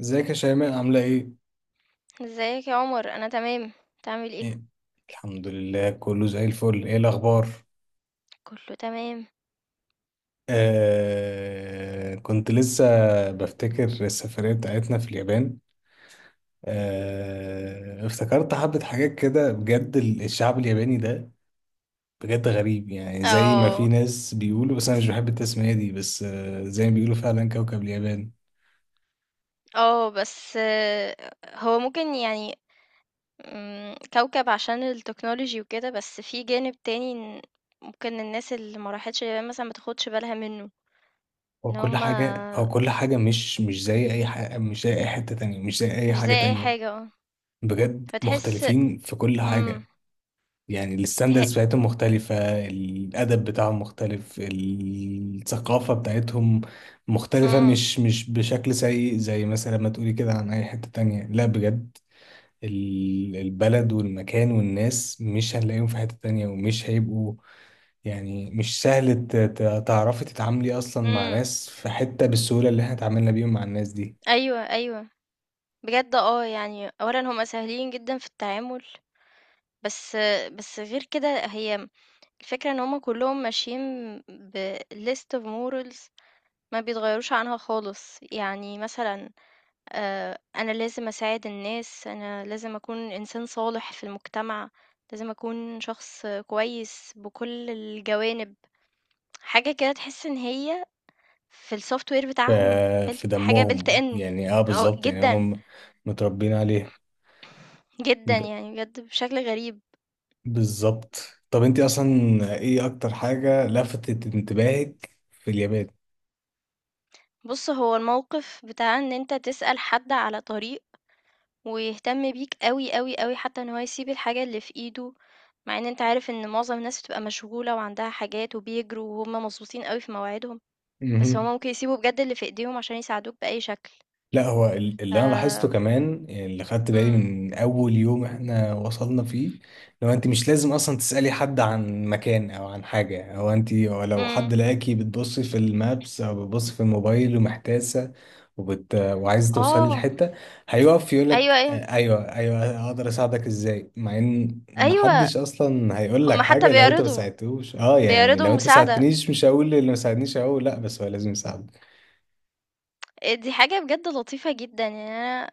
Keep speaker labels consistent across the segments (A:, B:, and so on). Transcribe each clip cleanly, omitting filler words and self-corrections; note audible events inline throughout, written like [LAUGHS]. A: ازيك يا شيماء عاملة ايه؟
B: ازيك يا عمر انا تمام. تعمل ايه؟
A: ايه. الحمد لله كله زي الفل. ايه الأخبار؟
B: كله تمام.
A: آه، كنت لسه بفتكر السفرية بتاعتنا في اليابان. آه افتكرت حبة حاجات كده. بجد الشعب الياباني ده بجد غريب. يعني زي ما في
B: اه،
A: ناس بيقولوا، بس أنا مش بحب التسمية دي، بس آه، زي ما بيقولوا فعلا كوكب اليابان.
B: اه بس آه، هو ممكن يعني كوكب عشان التكنولوجي وكده، بس في جانب تاني إن ممكن الناس اللي ما راحتش اليابان مثلا ما تاخدش بالها منه. ان
A: هو كل حاجة
B: هما
A: هو كل حاجة مش زي أي حاجة، مش زي أي حتة تانية، مش زي أي
B: مش زي
A: حاجة
B: اي
A: تانية.
B: حاجة، اه
A: بجد
B: فتحس.
A: مختلفين في كل
B: امم
A: حاجة. يعني
B: تح...
A: الستاندرز بتاعتهم مختلفة، الأدب بتاعهم مختلف، الثقافة بتاعتهم مختلفة.
B: امم
A: مش بشكل سيء زي مثلا ما تقولي كده عن أي حتة تانية، لا بجد. البلد والمكان والناس مش هنلاقيهم في حتة تانية ومش هيبقوا. يعني مش سهل تعرفي تتعاملي أصلا مع
B: امم.
A: ناس في حتة بالسهولة اللي احنا اتعاملنا بيهم مع الناس دي.
B: ايوه، ايوه، بجد اه يعني اولا هما سهلين جدا في التعامل. بس بس غير كده، هي الفكرة إن هُم كلّهم ماشيين بlist of morals، ما بيتغيّروش عنها خالص. يعني مثلًا أنا لازم أساعد الناس، أنا لازم أكون إنسان صالح في المجتمع، لازم أكون شخص كويس بكل الجوانب. حاجة كده تحس إن هي في الsoftware
A: ف-
B: بتاعهم
A: في
B: built
A: دمهم،
B: in.
A: يعني اه،
B: آه،
A: بالظبط، يعني
B: جدًا،
A: هم متربيين عليه.
B: جدًا، يعني بجد بشكل غريب.
A: بالظبط. طب انت اصلا ايه اكتر حاجة لفتت انتباهك في اليابان؟
B: بُص، هو الموقف بتاع إن أنت تسأل حد على طريق ويهتم بيك أوي، أوي، أوي، حتى إن هو يسيب الحاجة اللي في إيده، مع إن أنت عارف إن معظم الناس بتبقى مشغولة وعندها حاجات وبيجروا وهُم مضغوطين أوي في مواعيدهم، بس هُم
A: مهم.
B: ممكن يسيبوا بجد اللي في إيديهم عشان يساعدوك بأي شكل.
A: لا هو
B: ف
A: اللي انا لاحظته كمان، اللي خدت بالي
B: إمم،
A: من اول يوم احنا وصلنا فيه، لو انت مش لازم اصلا تسألي حد عن مكان او عن حاجة، او انت أو لو حد
B: إمم،
A: لقاكي بتبصي في المابس او بتبصي في الموبايل ومحتاسة وعايزة توصلي
B: آه،
A: لحتة، هيقف
B: أيوه،
A: يقولك
B: أيوه،
A: آه، ايوه ايوه اقدر اساعدك ازاي. مع ان
B: أيوه،
A: محدش اصلا هيقول لك
B: هُم حتى
A: حاجة لو انت ما
B: بيعرضوا،
A: ساعدتوش. اه يعني
B: بيعرضوا
A: لو انت
B: المساعدة.
A: ساعدتنيش مش هقول اللي ما ساعدنيش، هقول لا بس هو لازم يساعدك.
B: دي حاجة بجد لطيفة جدًا. يعني أنا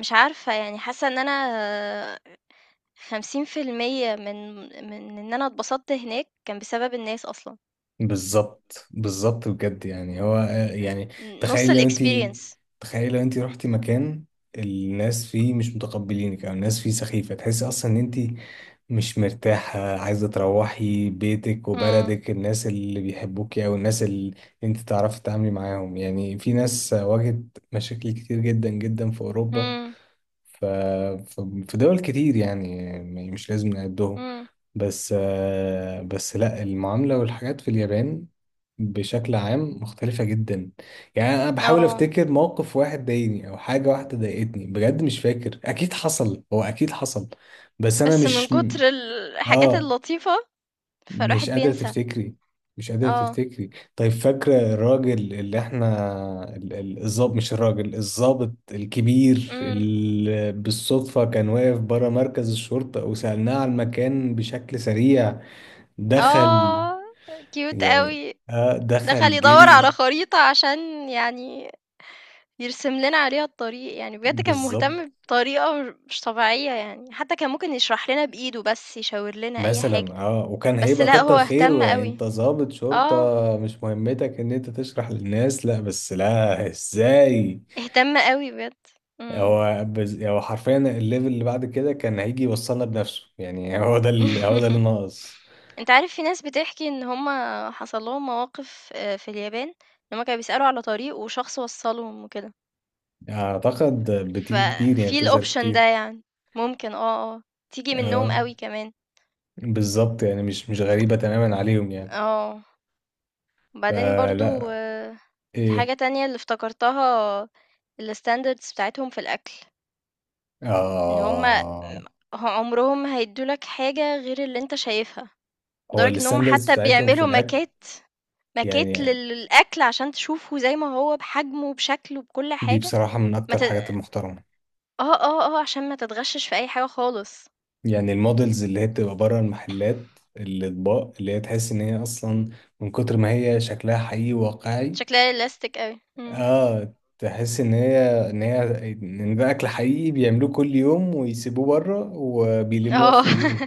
B: مش عارفة، يعني حاسة إن أنا 50% من إن أنا اتبسطت هناك كان بسبب الناس أصلًا.
A: بالظبط بالظبط. بجد، يعني هو آه، يعني
B: نُص
A: تخيل لو انت
B: الexperience.
A: تخيل لو انت رحتي مكان الناس فيه مش متقبلينك او الناس فيه سخيفة، تحسي اصلا ان انت مش مرتاحة، عايزة تروحي بيتك
B: إمم،
A: وبلدك. الناس اللي بيحبوكي او الناس اللي انت تعرفي تتعاملي معاهم. يعني في ناس واجهت مشاكل كتير جدا جدا في اوروبا.
B: إمم،
A: ف... ف- في دول كتير يعني مش لازم نعدهم.
B: إمم.
A: بس آه، بس لا، المعاملة والحاجات في اليابان بشكل عام مختلفة جدا. يعني أنا بحاول
B: آه،
A: أفتكر موقف واحد ضايقني أو حاجة واحدة ضايقتني، بجد مش فاكر. أكيد حصل، هو أكيد حصل، بس أنا
B: بس من
A: مش
B: كتر الحاجات
A: آه،
B: اللطيفة، فالواحد
A: مش قادرة
B: بينسى.
A: تفتكري. مش قادرة
B: آه،
A: تفتكري. طيب فاكرة الراجل اللي احنا الظابط، مش الراجل الظابط الكبير
B: إمم.
A: اللي بالصدفة كان واقف برا مركز الشرطة وسألناه على المكان بشكل سريع، دخل.
B: آه، cute
A: يعني
B: أوي.
A: اه
B: دخل
A: دخل
B: يدوّر
A: جري.
B: على خريطة عشان يعني يرسم لنا عليها الطريق. يعني بجد كان مهتم
A: بالظبط.
B: بطريقة مش طبيعية يعني، حتى كان ممكن يشرح لنا بإيده بس، يشاور لنا أي حاجة،
A: مثلا اه وكان
B: بس
A: هيبقى
B: لأ، هو
A: كتر
B: اهتم
A: خيره، يعني
B: أوي.
A: انت ظابط شرطة
B: آه،
A: مش مهمتك ان انت تشرح للناس. لا بس لا ازاي،
B: اهتم أوي بجد. إمم.
A: هو حرفيا الليفل اللي بعد كده كان هيجي يوصلنا بنفسه، يعني [LAUGHS] هو ده اللي
B: [LAUGHS]
A: ناقص.
B: أنت عارف في ناس بتحكي إن هُم حصل لهم مواقف في اليابان، إن هُم كانوا بيسألوا على طريق وشخص وصّلهم وكده.
A: اعتقد بتيجي كتير، يعني
B: ففي
A: بتظهر
B: الoption ده
A: كتير.
B: يعني، ممكن آه، آه، تيجي منّهم
A: اه
B: أوي كمان.
A: بالظبط، يعني مش غريبة تماما عليهم يعني.
B: آه، وبعدين برضه
A: فلا.
B: الحاجة
A: ايه.
B: تانية اللي افتكرتها، الstandards بتاعتهم في الأكل، إن هُم م
A: اه
B: ه عمرهم ما هيدّوا لك حاجة غير اللي أنت شايفها،
A: هو
B: لدرجة إن هُم
A: الستاندرز
B: حتى
A: بتاعتهم في
B: بيعملوا
A: الاكل
B: ماكيت
A: يعني،
B: للأكل عشان تشوفه زي ما هو، بحجمه، بشكله، بكل
A: دي
B: حاجة.
A: بصراحة من
B: ما
A: اكتر
B: ت
A: الحاجات المحترمة.
B: آه، آه، آه، عشان ما تتغشِّش في أي حاجة خالص.
A: يعني المودلز اللي هي بتبقى بره المحلات، الاطباق اللي هي تحس ان هي اصلا من كتر ما هي شكلها حقيقي واقعي.
B: شكلها realistic أوي، إمم،
A: اه تحس ان هي ان ده اكل حقيقي بيعملوه كل يوم ويسيبوه بره وبيلموه
B: آه،
A: اخر اليوم.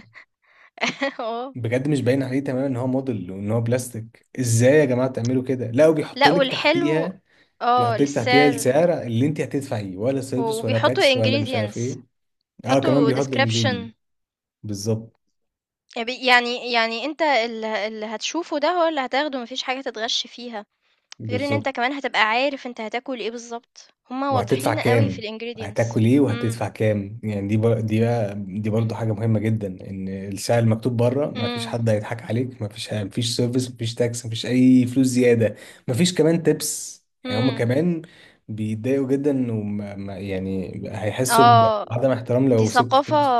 B: [LAUGHS] آه،
A: بجد مش باين عليه تماما ان هو موديل وان هو بلاستيك. ازاي يا جماعه تعملوا كده! لا وبيحط
B: لأ
A: لك
B: والحلو
A: تحتيها،
B: آه،
A: بيحط لك تحتيها
B: للسعر.
A: السعر اللي انت هتدفعيه، ولا سيرفيس ولا
B: وبيحطّوا
A: تاكس ولا مش عارف
B: ingredients،
A: ايه. اه كمان
B: بيحطّوا
A: بيحط
B: description.
A: الانجريدينت. بالظبط
B: يب، يعني يعني أنت اللي هتشوفه ده هو اللي هتاخده، ما فيش حاجة تتغش فيها، غير إن
A: بالظبط،
B: أنت كمان هتبقى عارف أنت هتاكل إيه بالضبط، هُم
A: وهتدفع
B: واضحين أوي في
A: كام.
B: الingredients.
A: هتاكل ايه
B: إمم،
A: وهتدفع كام. يعني دي دي برضو حاجه مهمه جدا، ان السعر المكتوب بره ما فيش
B: إمم،
A: حد هيضحك عليك. ما فيش سيرفيس، ما فيش تاكس، ما فيش اي فلوس زياده. ما فيش كمان تيبس. يعني هما
B: إمم.
A: كمان بيتضايقوا جدا وما ما- يعني هيحسوا
B: آه،
A: بعدم احترام
B: دي
A: لو سبت
B: ثقافة،
A: تيبس.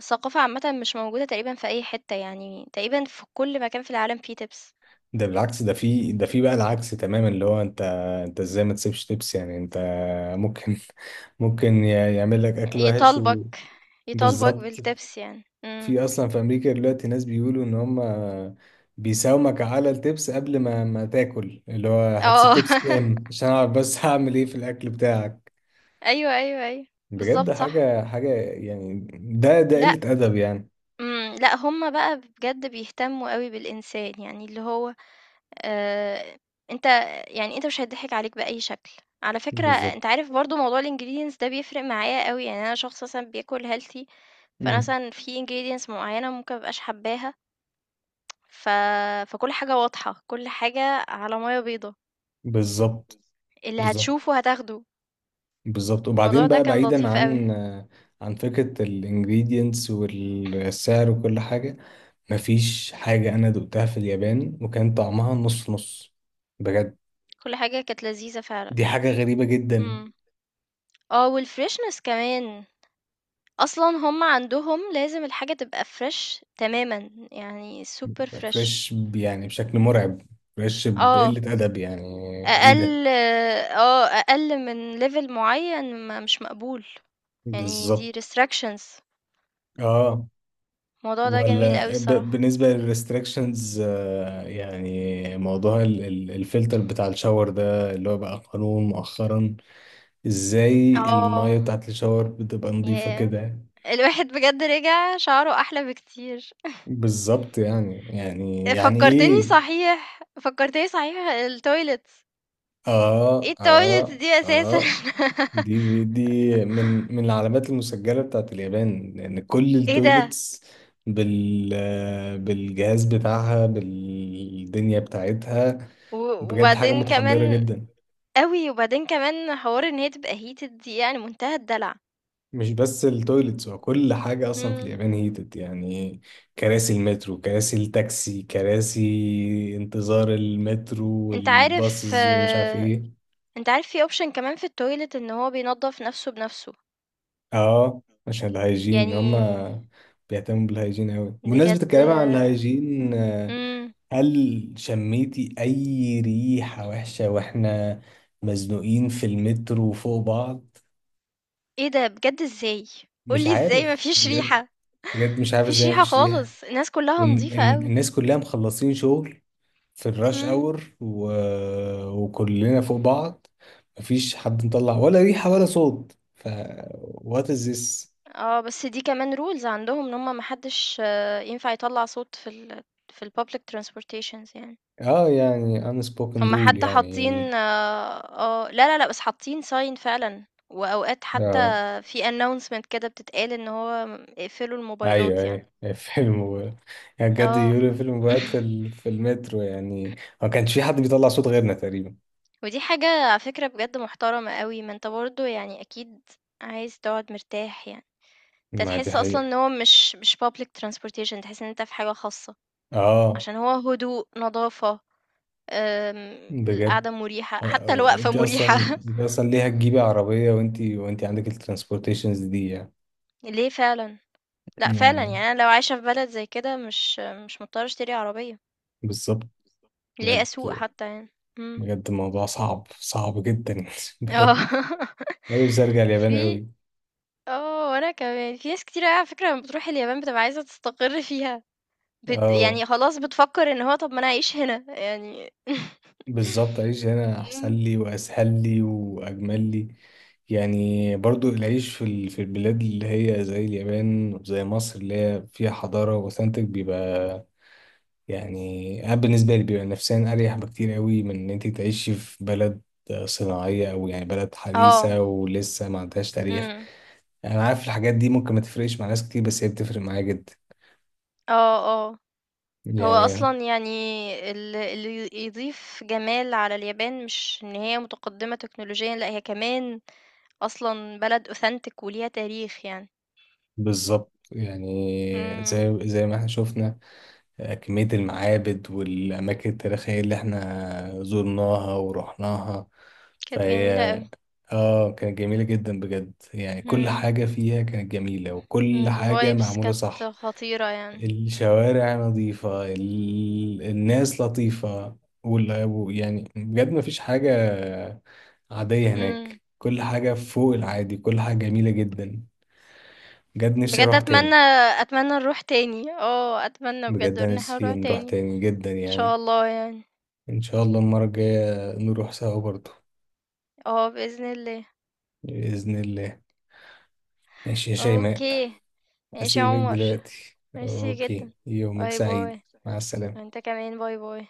B: ثقافة عامةً مش موجودة تقريبًا في أي حتة. يعني تقريبًا في كل مكان في العالم فيه تِبس،
A: ده بالعكس، ده في بقى العكس تماما، اللي هو انت انت ازاي ما تسيبش تيبس. يعني انت ممكن ممكن يعمل لك اكل وحش.
B: يطالبك يطالبك
A: وبالظبط،
B: بالتِبس يعني. إمم،
A: في اصلا في امريكا دلوقتي ناس بيقولوا ان هم بيساومك على التبس قبل ما تاكل، اللي هو هتسيب
B: آه،
A: تبس كام
B: [LAUGHS]
A: عشان اعرف بس [LAUGHS] هعمل ايه في الاكل بتاعك.
B: أيوه، أيوه، أيوه،
A: بجد
B: بالضبط صح،
A: حاجة يعني، ده
B: لأ،
A: قلة ادب يعني.
B: إمم، لأ، هُم بقى بجد بيهتموا أوي بالإنسان. يعني اللي هو آآ أنت، يعني أنت مش هيتضحك عليك بأي شكل. على فكرة
A: بالظبط.
B: أنت عارف برضه موضوع الingredients ده بيفرق معايا أوي. يعني أنا شخص مثلًا بياكل healthy، فأنا
A: امم،
B: مثلًا في ingredients معيّنة ممكن ما ابقاش حاباها. ف فكل حاجة واضحة، كل حاجة على مَيّة بيضا،
A: بالظبط
B: اللي
A: بالظبط.
B: هتشوفه هتاخده.
A: بالظبط
B: الموضوع
A: وبعدين
B: ده
A: بقى
B: كان
A: بعيدا
B: لطيف
A: عن
B: أوي،
A: عن فكرة الانجريدينتس والسعر وكل حاجة، مفيش حاجة أنا دقتها في اليابان وكان طعمها نص نص. بجد
B: كل حاجة كانت لذيذة فعلًا.
A: دي حاجة غريبة جدا.
B: إمم. آه، والfreshness كمان، أصلًا هم عندهم لازم الحاجة تبقى fresh تمامًا، يعني super fresh.
A: فريش يعني بشكل مرعب، فريش
B: آه.
A: بقلة أدب يعني. إيه ده!
B: أقل آه، أقل من level معيّن ما مش مقبول، يعني
A: بالظبط.
B: دي restrictions.
A: آه.
B: الموضوع ده جميل أوي
A: ولا
B: الصراحة.
A: بالنسبة للريستريكشنز، يعني موضوع الفلتر بتاع الشاور ده اللي هو بقى قانون مؤخرا، إزاي المية
B: آه،
A: بتاعت الشاور بتبقى نظيفة
B: ياه!
A: كده.
B: الواحد بجد رجع شعره أحلى بكتير.
A: بالظبط. يعني يعني يعني إيه.
B: فكّرتني صحيح، الtoilets.
A: آه
B: إيه الtoilets
A: آه
B: دي أساسًا؟
A: آه.
B: [LAUGHS]
A: دي من العلامات المسجلة بتاعت اليابان، لأن كل
B: إيه ده!
A: التويلتس بال بالجهاز بتاعها بالدنيا بتاعتها،
B: و
A: بجد حاجة
B: وبعدين
A: متحضرة
B: كمان
A: جدا.
B: أوي، وبعدين كمان حوار إن هي تبقى heated دي، يعني منتهى الدلع.
A: مش بس التويلتس، هو كل حاجة أصلا في
B: إمم،
A: اليابان هيتد يعني، كراسي المترو، كراسي التاكسي، كراسي انتظار المترو
B: أنت عارف
A: والباصز ومش عارف
B: آه،
A: ايه.
B: أنت عارف في option كمان في الtoilet إن هو بينضّف نَفْسه بنَفْسه،
A: اه عشان الهايجين،
B: يعني
A: هما بيهتموا بالهايجين أوي. بمناسبة
B: بجد.
A: الكلام عن الهايجين،
B: إمم.
A: هل شميتي أي ريحة وحشة وإحنا مزنوقين في المترو فوق بعض؟
B: إيه ده بجد إزاي؟ قُل
A: مش
B: لي إزاي
A: عارف
B: ما فيش
A: بجد.
B: ريحة،
A: بجد مش
B: ما
A: عارف
B: فيش
A: إزاي
B: ريحة
A: مفيش ريحة.
B: خالص، الناس كُلّها نضيفة أوي.
A: والناس كلها مخلصين شغل في الراش
B: إمم.
A: أور وكلنا فوق بعض، مفيش حد مطلع ولا ريحة ولا صوت. ف what is this؟
B: آه، بس دي كمان rules عندهم إن هم ما حدّش ينفع يطلّع صوت في الpublic transportations يعني.
A: آه يعني unspoken
B: هم
A: rule
B: حتى حاطّين
A: يعني.
B: آه، آه، لا، لا، لأ، بس حاطّين sign فعلًا، وأوقات حتى
A: آه،
B: في announcement كده بتتقال إن هو اقفلوا
A: ايوه
B: الموبايلات يعني.
A: ايوه [LAUGHS] فيلم يعني بجد
B: آه.
A: يوري فيلم بجد
B: [LAUGHS]
A: في في المترو يعني. ما كانش في حد بيطلع صوت غيرنا تقريبا.
B: ودي حاجة على فكرة بجد محترمة أوي، ما أنت برضه يعني أكيد عايز تقعد مرتاح يعني. أنت
A: ما دي
B: تحس أصلًا
A: حقيقة.
B: إن هو مش public transportation، تحس إن أنت في حاجة خاصة،
A: اه
B: عشان هو هدوء، نضافة، آمم،
A: بجد.
B: القعدة مريحة،
A: آه،
B: حتى
A: آه،
B: الوقفة
A: انت
B: مريحة.
A: اصلا
B: [LAUGHS]
A: انت اصلا ليه هتجيبي عربية وانت عندك الترانسبورتيشنز دي يعني،
B: ليه فعلًا، لأ فعلًا
A: يعني
B: يعني أنا لو عايشة في بلد زي كده مش مضطرة أشتري عربية،
A: بالظبط.
B: ليه
A: بجد
B: أسوق حتى يعني. إمم،
A: بجد الموضوع صعب، صعب جدا [LAUGHS]
B: آه،
A: بجد
B: [LAUGHS]
A: انا نفسي ارجع اليابان
B: في
A: قوي.
B: آه، وأنا كمان. في ناس كتيرة أوي على فكرة لمّا بتروح اليابان بتبقى عايزة تستقر فيها،
A: اه
B: يعني خلاص بتفكّر إن هو طَب ما أنا أعيش هنا يعني. [LAUGHS]
A: بالظبط، أعيش هنا أحسن
B: إمم.
A: لي وأسهل لي وأجمل لي. يعني برضو العيش في في البلاد اللي هي زي اليابان وزي مصر اللي هي فيها حضارة وأوثنتك بيبقى، يعني أنا بالنسبة لي بيبقى نفسيا أريح بكتير قوي من إن أنت تعيشي في بلد صناعية أو يعني بلد
B: آه،
A: حديثة ولسه ما عندهاش تاريخ.
B: إمم،
A: أنا عارف الحاجات دي ممكن ما تفرقش مع ناس كتير بس هي بتفرق معايا جدا.
B: آه، آه. هو
A: يعني
B: أصلًا يعني اللي يضيف جمال على اليابان مش إن هي متقدّمة تكنولوجيًا، لأ هي كمان أصلًا بلد authentic وليها تاريخ يعني.
A: بالظبط. يعني
B: إمم،
A: زي ما احنا شفنا كمية المعابد والأماكن التاريخية اللي احنا زرناها ورحناها.
B: كانت
A: فهي
B: جميلة أوي.
A: اه كانت جميلة جدا بجد. يعني كل
B: إمم،
A: حاجة فيها كانت جميلة
B: إمم،
A: وكل حاجة
B: الvibes
A: معمولة
B: كانت
A: صح.
B: خطيرة يعني.
A: الشوارع نظيفة، الناس لطيفة، يعني بجد مفيش حاجة عادية
B: إمم.
A: هناك. كل حاجة فوق العادي، كل حاجة جميلة جدا. بجد نفسي
B: بجد
A: أروح تاني.
B: أتمنى، أتمنى نروح تاني، آه، أتمنى بجد
A: بجد أنا
B: إن إحنا
A: نفسي
B: نروح
A: نروح
B: تاني، إن
A: تاني جدا
B: شاء
A: يعني.
B: الله يعني،
A: إن شاء الله المرة الجاية نروح سوا برضو.
B: آه، بإذن الله،
A: بإذن الله. ماشي يا شيماء
B: أوكي، ماشي يا
A: أسيبك
B: عمر،
A: دلوقتي.
B: ميرسي
A: أوكي
B: جدًا،
A: يومك
B: باي
A: سعيد.
B: باي،
A: مع السلامة.
B: وأنت كمان باي باي.